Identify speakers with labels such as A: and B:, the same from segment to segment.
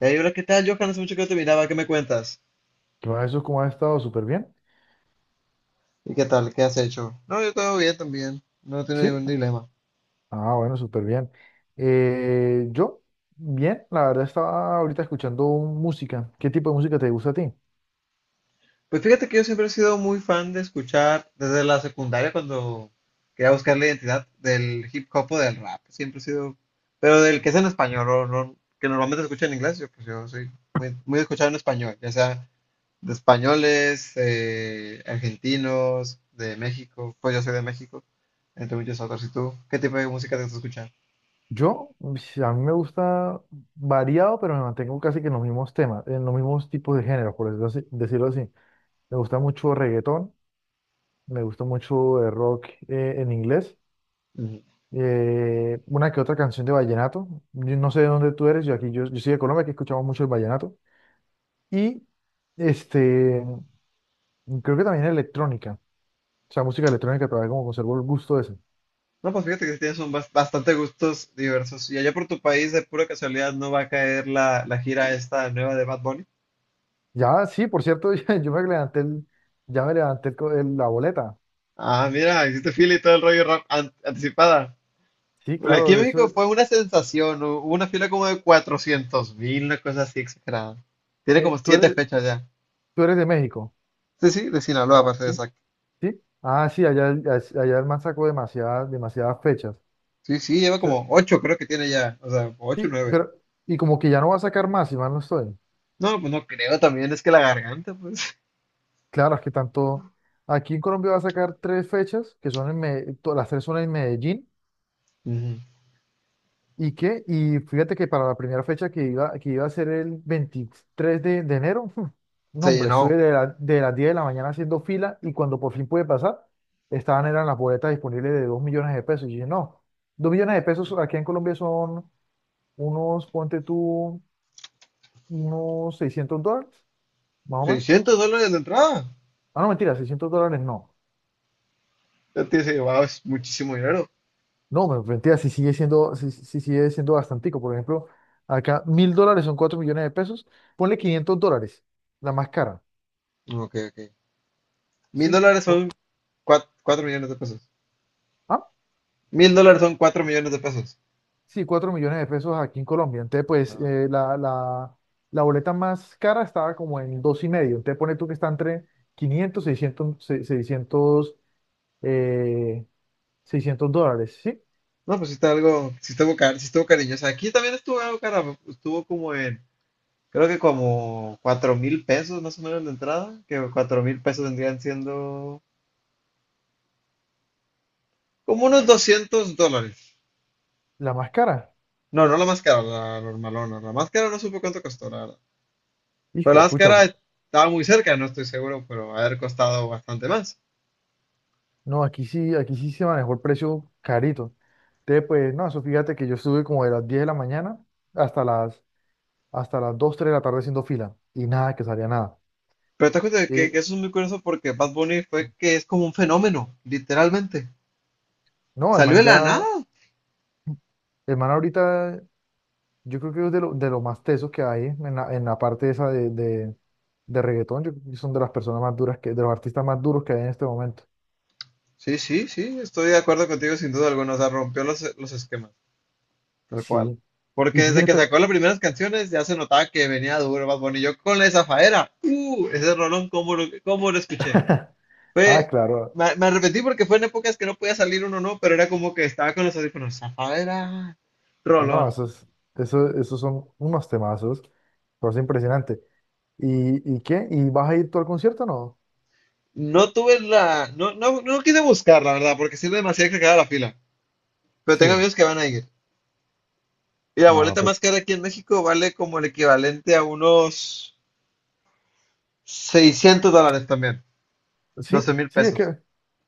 A: Hey, hola, ¿qué tal, Johan? Hace mucho que no te miraba, ¿qué me cuentas?
B: Todo eso como ha estado súper bien.
A: ¿Y qué tal? ¿Qué has hecho? No, yo todo bien también, no tengo
B: Sí,
A: ningún dilema.
B: ah, bueno, súper bien. Eh, yo, bien, la verdad estaba ahorita escuchando música. ¿Qué tipo de música te gusta a ti?
A: Pues fíjate que yo siempre he sido muy fan de escuchar desde la secundaria cuando quería buscar la identidad del hip hop o del rap. Siempre he sido, pero del que es en español, o no, que normalmente se escucha en inglés, yo pues yo soy muy, muy escuchado en español, ya sea de españoles, argentinos, de México, pues yo soy de México, entre muchos otros. ¿Y tú? ¿Qué tipo de música te gusta escuchar?
B: Yo, pues, a mí me gusta variado, pero me mantengo casi que en los mismos temas, en los mismos tipos de géneros, por decirlo así. Me gusta mucho reggaetón, me gusta mucho rock en inglés, una que otra canción de vallenato. Yo no sé de dónde tú eres, yo aquí, yo soy de Colombia, que escuchamos mucho el vallenato. Y este. Creo que también electrónica. O sea, música electrónica todavía como conservo el gusto ese.
A: No, pues fíjate que sí tienes un bastante gustos diversos. ¿Y allá por tu país, de pura casualidad, no va a caer la gira esta nueva de Bad Bunny?
B: Ya, sí, por cierto, yo me levanté el- ya me levanté la boleta.
A: Ah, mira, hiciste fila y todo el rollo anticipada.
B: Sí,
A: Bueno, aquí
B: claro,
A: en México
B: eso.
A: fue una sensación. Hubo una fila como de 400.000, una cosa así exagerada. Tiene
B: eh,
A: como
B: tú
A: siete
B: eres,
A: fechas ya.
B: tú eres de México,
A: Sí, sí, de Sinaloa, para ser
B: ¿sí?
A: exacto.
B: ¿Sí? Ah, sí, allá, allá el man sacó demasiadas, demasiadas fechas. O
A: Sí, sí, lleva
B: sea,
A: como ocho, creo que tiene ya. O sea, ocho, o
B: sí,
A: nueve.
B: pero, y como que ya no va a sacar más, si mal no estoy.
A: No, pues no creo también, es que la garganta, pues.
B: Claro, es que tanto. Aquí en Colombia va a sacar tres fechas, que son en las tres son en Medellín.
A: Ujú.
B: ¿Y qué? Y fíjate que para la primera fecha que iba a ser el 23 de enero, no,
A: Se
B: hombre,
A: llenó
B: estuve de las 10 de la mañana haciendo fila y cuando por fin pude pasar, estaban eran las boletas disponibles de 2 millones de pesos. Y dije, no, 2 millones de pesos aquí en Colombia son unos, ponte tú, unos 600 dólares, más o menos.
A: 600 dólares de entrada.
B: Ah, no, mentira, 600 dólares no.
A: Antes se llevaba muchísimo dinero.
B: No, mentira, si sí sigue siendo bastantico. Por ejemplo, acá 1.000 dólares son 4 millones de pesos, ponle 500 dólares, la más cara.
A: Ok, ok. Mil
B: Sí.
A: dólares son cuatro millones de pesos.
B: Ah,
A: 1.000 dólares son 4 millones de pesos.
B: sí, 4 millones de pesos aquí en Colombia. Entonces, pues
A: Ah,
B: la boleta más cara estaba como en dos y medio. Entonces, pone tú que está entre 500 600 600 eh, 600 dólares, ¿sí?
A: no, pues sí está algo, sí estuvo, sí estuvo cariñosa. Aquí también estuvo algo cara, estuvo como en, creo que como 4.000 pesos más o menos de entrada, que 4.000 pesos vendrían siendo como unos 200 dólares.
B: La más cara.
A: No, no la más cara, la normalona. La más cara no supe cuánto costó, la verdad. Pero
B: Hijo
A: la
B: de
A: más
B: pucha.
A: cara
B: Bro.
A: estaba muy cerca, no estoy seguro, pero haber costado bastante más.
B: No, aquí sí se manejó el precio carito. Entonces, pues, no, eso fíjate que yo estuve como de las 10 de la mañana hasta las, hasta las 2 3 de la tarde haciendo fila. Y nada, que salía nada.
A: Pero te das cuenta de que
B: Eh,
A: eso es muy curioso porque Bad Bunny fue que es como un fenómeno, literalmente.
B: no, el
A: Salió de
B: man ya.
A: la nada.
B: El man ahorita, yo creo que es de lo más tesos que hay en la parte esa de reggaetón. Yo creo que son de las personas más duras, que, de los artistas más duros que hay en este momento.
A: Sí, sí, sí, estoy de acuerdo contigo sin duda alguna. O sea, rompió los esquemas, tal cual.
B: Sí.
A: Porque
B: Y tú
A: desde
B: tienes,
A: que sacó las primeras canciones ya se notaba que venía duro Bad Bunny. Yo con la de Zafaera, ese rolón, ¿cómo lo escuché?
B: ah, claro.
A: Me arrepentí porque fue en épocas que no podía salir uno, no, pero era como que estaba con los audífonos. Zafaera,
B: Ah, no,
A: rolón.
B: esos son unos temazos. Cosa impresionante. ¿Y qué? ¿Y vas a ir tú al concierto o no?
A: No tuve la. No, no, no quise buscar, la verdad, porque sí era demasiado cargada la fila. Pero tengo
B: Sí.
A: amigos que van a ir. Y la
B: No,
A: boleta
B: pues
A: más cara aquí en México vale como el equivalente a unos 600 dólares también.
B: sí,
A: doce mil
B: sí, es
A: pesos.
B: que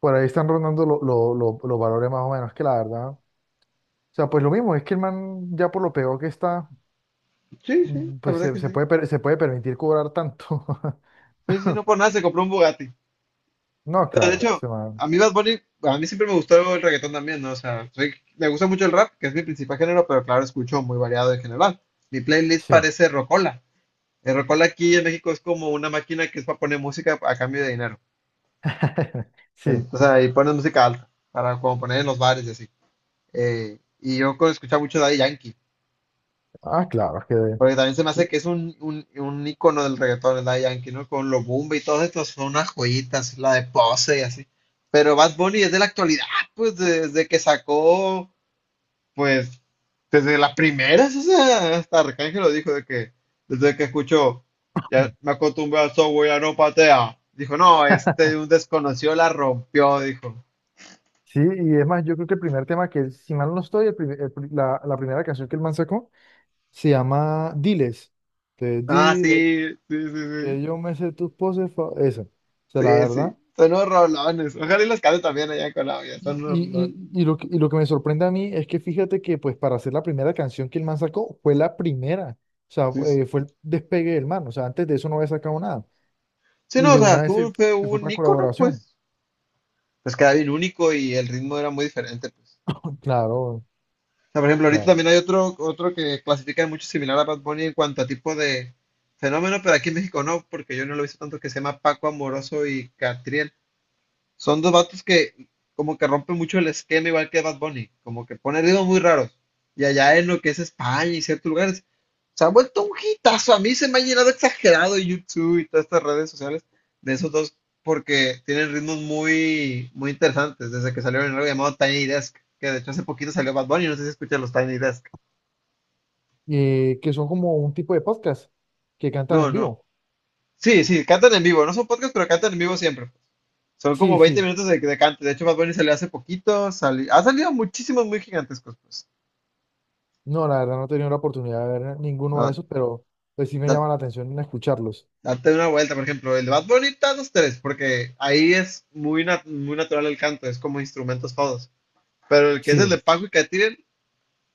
B: por ahí están rondando los valores más o menos, que la verdad. O sea, pues lo mismo, es que el man ya por lo peor que está.
A: Sí, sí, la
B: Pues
A: verdad que sí.
B: se puede permitir cobrar tanto.
A: Sí, sí, no por nada se compró un Bugatti.
B: No,
A: Pero de
B: claro,
A: hecho, a mí Bad Bunny, a mí siempre me gustó el reggaetón también, ¿no? O sea, me gusta mucho el rap, que es mi principal género, pero claro, escucho muy variado en general. Mi playlist
B: Sí.
A: parece rocola. El rocola aquí en México es como una máquina que es para poner música a cambio de dinero.
B: Sí.
A: O sea, y pones música alta, para como poner en los bares y así. Y yo escuchaba mucho Daddy Yankee,
B: Ah, claro, es que
A: porque también se me hace que es un ícono del reggaetón, el Daddy Yankee, ¿no? Con los Bumba y todos estos son unas joyitas, la de Pose y así. Pero Bad Bunny es de la actualidad, pues desde que sacó, pues desde las primeras, o sea, hasta Arcángel lo dijo, de que desde que escuchó, ya me acostumbré al software, ya no patea. Dijo, no, este un desconocido la rompió, dijo.
B: sí, y es más, yo creo que el primer tema que, si mal no estoy, el primer- el pri- la primera canción que el man sacó se llama Diles. Te
A: Ah,
B: dile
A: sí, sí, sí, sí.
B: que yo me sé tus poses, esa. O sea, la
A: Sí,
B: verdad.
A: sí. Son unos rolones. Ojalá y los cante también allá en Colombia. Son
B: Y,
A: unos
B: y,
A: rolones.
B: y, y lo que me sorprende a mí es que fíjate que, pues, para hacer la primera canción que el man sacó, fue la primera. O sea,
A: Sí, sí.
B: fue el despegue del man. O sea, antes de eso no había sacado nada.
A: Sí,
B: Y
A: no, o
B: de
A: sea,
B: una vez se,
A: fue
B: se fue
A: un
B: para
A: ícono,
B: colaboración.
A: pues. Pues queda bien único y el ritmo era muy diferente, pues.
B: Claro,
A: O sea, por ejemplo, ahorita
B: claro.
A: también hay otro que clasifica mucho similar a Bad Bunny en cuanto a tipo de fenómeno, pero aquí en México no, porque yo no lo he visto tanto, que se llama Paco Amoroso y Catriel. Son dos vatos que como que rompen mucho el esquema, igual que Bad Bunny, como que pone ritmos muy raros. Y allá en lo que es España y ciertos lugares, se ha vuelto un hitazo. A mí se me ha llenado exagerado YouTube y todas estas redes sociales de esos dos, porque tienen ritmos muy, muy interesantes. Desde que salieron en algo llamado Tiny Desk, que de hecho hace poquito salió Bad Bunny, no sé si escuchan los Tiny Desk.
B: Que son como un tipo de podcast que cantan
A: No,
B: en
A: no.
B: vivo.
A: Sí, sí, cantan en vivo, no son podcasts, pero cantan en vivo siempre. Son como
B: Sí,
A: 20
B: sí.
A: minutos de cante. De hecho, Bad Bunny salió hace poquito, ha salido muchísimos muy gigantescos, pues.
B: No, la verdad no he tenido la oportunidad de ver ninguno de
A: No,
B: esos, pero pues sí me
A: da-
B: llama la atención en escucharlos.
A: date una vuelta, por ejemplo, el de Bad Bunny está dos tres, porque ahí es muy natural el canto, es como instrumentos todos. Pero el que es el de
B: Sí,
A: Paco y Catirel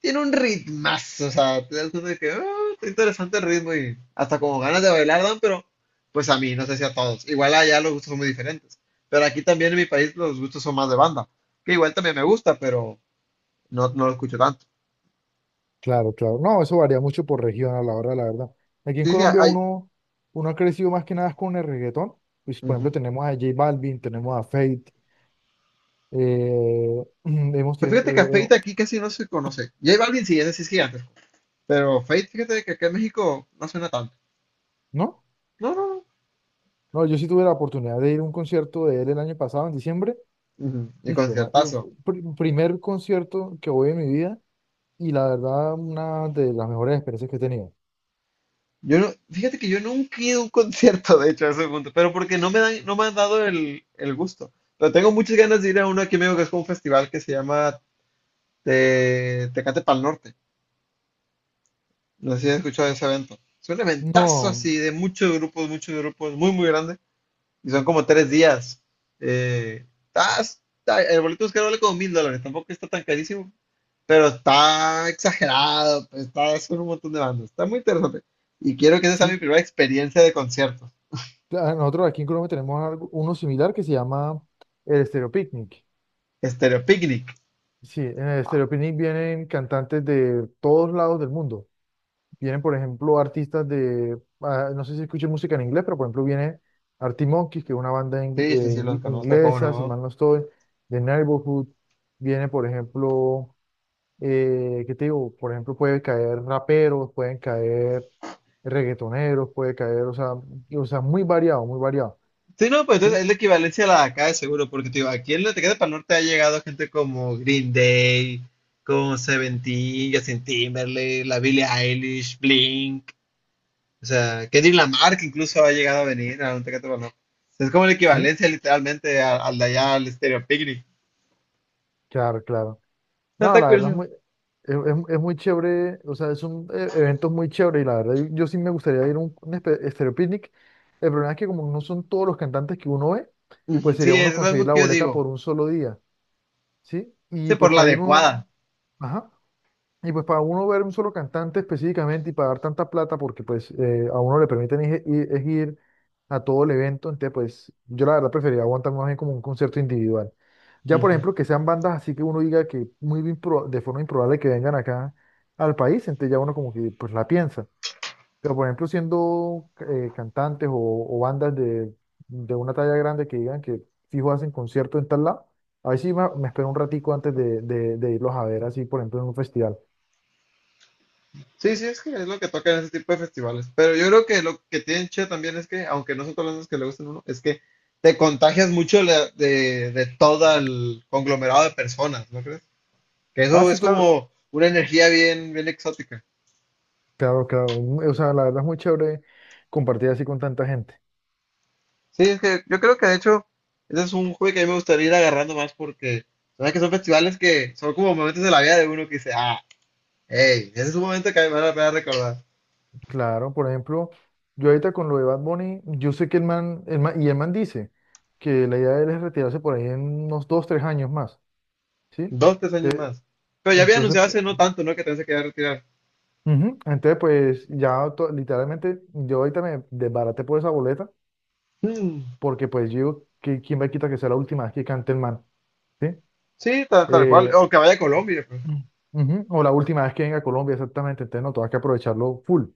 A: tiene un ritmazo, o sea, te das cuenta de que "Ah, está interesante el ritmo y hasta como ganas de bailar dan, pero pues a mí, no sé si a todos. Igual allá los gustos son muy diferentes. Pero aquí también en mi país los gustos son más de banda, que igual también me gusta, pero no, no lo escucho tanto.
B: claro, claro. No, eso varía mucho por región a la hora, la verdad. Aquí en
A: Sí, sí,
B: Colombia
A: hay.
B: uno ha crecido más que nada con el reggaetón. Pues, por ejemplo,
A: Ujú.
B: tenemos a J Balvin, tenemos a Feid, eh, hemos,
A: Pues
B: te-
A: fíjate que a
B: eh,
A: Feita aquí casi no se conoce. J Balvin sí, ese sí es gigante. Pero Fate, fíjate que acá en México no suena tanto.
B: ¿no?
A: No, no, no.
B: No, yo sí tuve la oportunidad de ir a un concierto de él el año pasado, en diciembre,
A: Ujú. Y
B: Hijo de ma- y
A: conciertazo.
B: pr- primer concierto que voy en mi vida y la verdad una de las mejores experiencias que he tenido.
A: Yo no, fíjate que yo nunca he ido a un concierto, de hecho, a ese punto, pero porque no me dan, no me han dado el gusto. Pero tengo muchas ganas de ir a uno aquí en México que es como un festival que se llama Tecate Pal Norte. No sé si has escuchado de ese evento. Es un eventazo
B: No,
A: así de muchos grupos, muy, muy grande. Y son como 3 días. El boleto es que vale como 1.000 dólares, tampoco está tan carísimo, pero está exagerado, pues, está con un montón de bandas, está muy interesante. Y quiero que esa sea mi
B: sí,
A: primera experiencia de concierto.
B: nosotros aquí en Colombia tenemos uno similar que se llama el Stereo Picnic.
A: Stereo Picnic.
B: Sí, en el Stereo Picnic vienen cantantes de todos lados del mundo. Vienen, por ejemplo, artistas de, no sé si escuchan música en inglés, pero por ejemplo viene Arctic Monkeys, que es una banda
A: Sí, sí, sí, los conozco, cómo
B: inglesa, si mal
A: no.
B: no estoy, de Neighborhood. Viene, por ejemplo, ¿qué te digo? Por ejemplo, puede caer raperos, pueden caer reggaetoneros, puede caer, o sea, o sea, muy variado,
A: Sí, no, pues
B: ¿sí?
A: entonces es la equivalencia a la de acá de seguro, porque te digo, aquí en la Tecate para Norte ha llegado gente como Green Day, como Seventeen, Justin Timberlake, la Billie Eilish, Blink. O sea, Kendrick Lamar, que incluso ha llegado a venir a un Tecate Baloco. Es como la
B: ¿Sí?
A: equivalencia literalmente al de allá, al Stereo Picnic.
B: Claro, claro.
A: No,
B: No,
A: está
B: la verdad
A: curioso.
B: es muy chévere, o sea, son evento muy chévere y la verdad yo sí me gustaría ir a Estéreo Picnic. El problema es que como no son todos los cantantes que uno ve, pues
A: Ujú,
B: sería
A: Sí,
B: uno
A: es lo
B: conseguir
A: mismo
B: la
A: que yo
B: boleta por
A: digo.
B: un solo día, ¿sí?
A: Sí,
B: Y
A: por
B: pues
A: la
B: para ir uno,
A: adecuada.
B: ajá. Y pues para uno ver un solo cantante específicamente y pagar tanta plata, porque pues a uno le permiten ir, ir- es ir a todo el evento, entonces pues yo la verdad preferiría aguantar más bien como un concierto individual. Ya por
A: Ujú.
B: ejemplo que sean bandas así que uno diga que de forma improbable que vengan acá al país, entonces ya uno como que pues la piensa. Pero por ejemplo siendo cantantes o bandas de una talla grande que digan que fijo hacen concierto en tal lado, ahí sí me espero un ratico antes de irlos a ver así por ejemplo en un festival.
A: Sí, sí, es que es lo que toca en ese tipo de festivales. Pero yo creo que lo que tienen chido también es que, aunque no son todas las bandas que le gustan a uno, es que te contagias mucho de todo el conglomerado de personas, ¿no crees? Que
B: Ah,
A: eso
B: sí,
A: es
B: claro,
A: como una energía bien, bien exótica.
B: claro, claro. O sea, la verdad es muy chévere compartir así con tanta gente.
A: Sí, es que yo creo que de hecho ese es un hobby que a mí me gustaría ir agarrando más porque sabes que son festivales que son como momentos de la vida de uno que dice, ah, hey, ese es un momento que a mí me vale la pena recordar.
B: Claro, por ejemplo, yo ahorita con lo de Bad Bunny, yo sé que el man dice que la idea de él es retirarse por ahí en unos dos, tres años más, ¿sí?
A: Dos, tres años
B: Te-
A: más. Pero ya había
B: Entonces,
A: anunciado hace no tanto, ¿no? Que también se quería retirar.
B: ujú, Entonces, pues ya literalmente yo ahorita me desbaraté por esa boleta,
A: Mm,
B: porque pues yo digo, que quién me quita que sea la última vez que cante el man, ¿sí?
A: sí, tal cual.
B: Eh,
A: O que vaya a Colombia, pues.
B: Ujú. O la última vez que venga a Colombia, exactamente. Entonces, no, tengo que aprovecharlo full.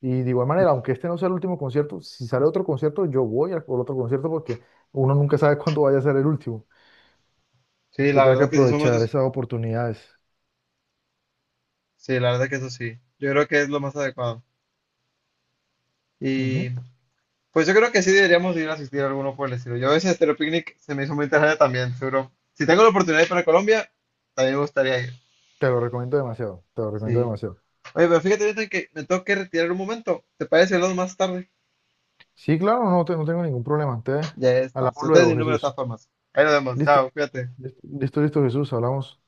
B: Y de igual manera, aunque este no sea el último concierto, si sale otro concierto, yo voy al por otro concierto porque uno nunca sabe cuándo vaya a ser el último.
A: Sí,
B: Te
A: la
B: tengo
A: verdad
B: que
A: es que sí son
B: aprovechar
A: momentos.
B: esas oportunidades.
A: Sí, la verdad es que eso sí. Yo creo que es lo más adecuado. Y
B: Ujú.
A: pues yo creo que sí deberíamos ir a asistir a alguno por el estilo. Yo ese Estéreo Picnic se me hizo muy interesante también, seguro. Si tengo la oportunidad de ir para Colombia, también me gustaría ir.
B: Te lo recomiendo demasiado, te lo recomiendo
A: Sí.
B: demasiado.
A: Oye, pero fíjate, Jonathan, que me tengo que retirar un momento. ¿Te parece que hablamos más tarde?
B: Sí, claro, no, no tengo ningún problema. Te
A: Ya está.
B: hablamos
A: Si ustedes mi
B: luego,
A: número de todas
B: Jesús.
A: formas. Ahí nos vemos.
B: Listo,
A: Chao, cuídate.
B: listo, listo, listo, Jesús, hablamos.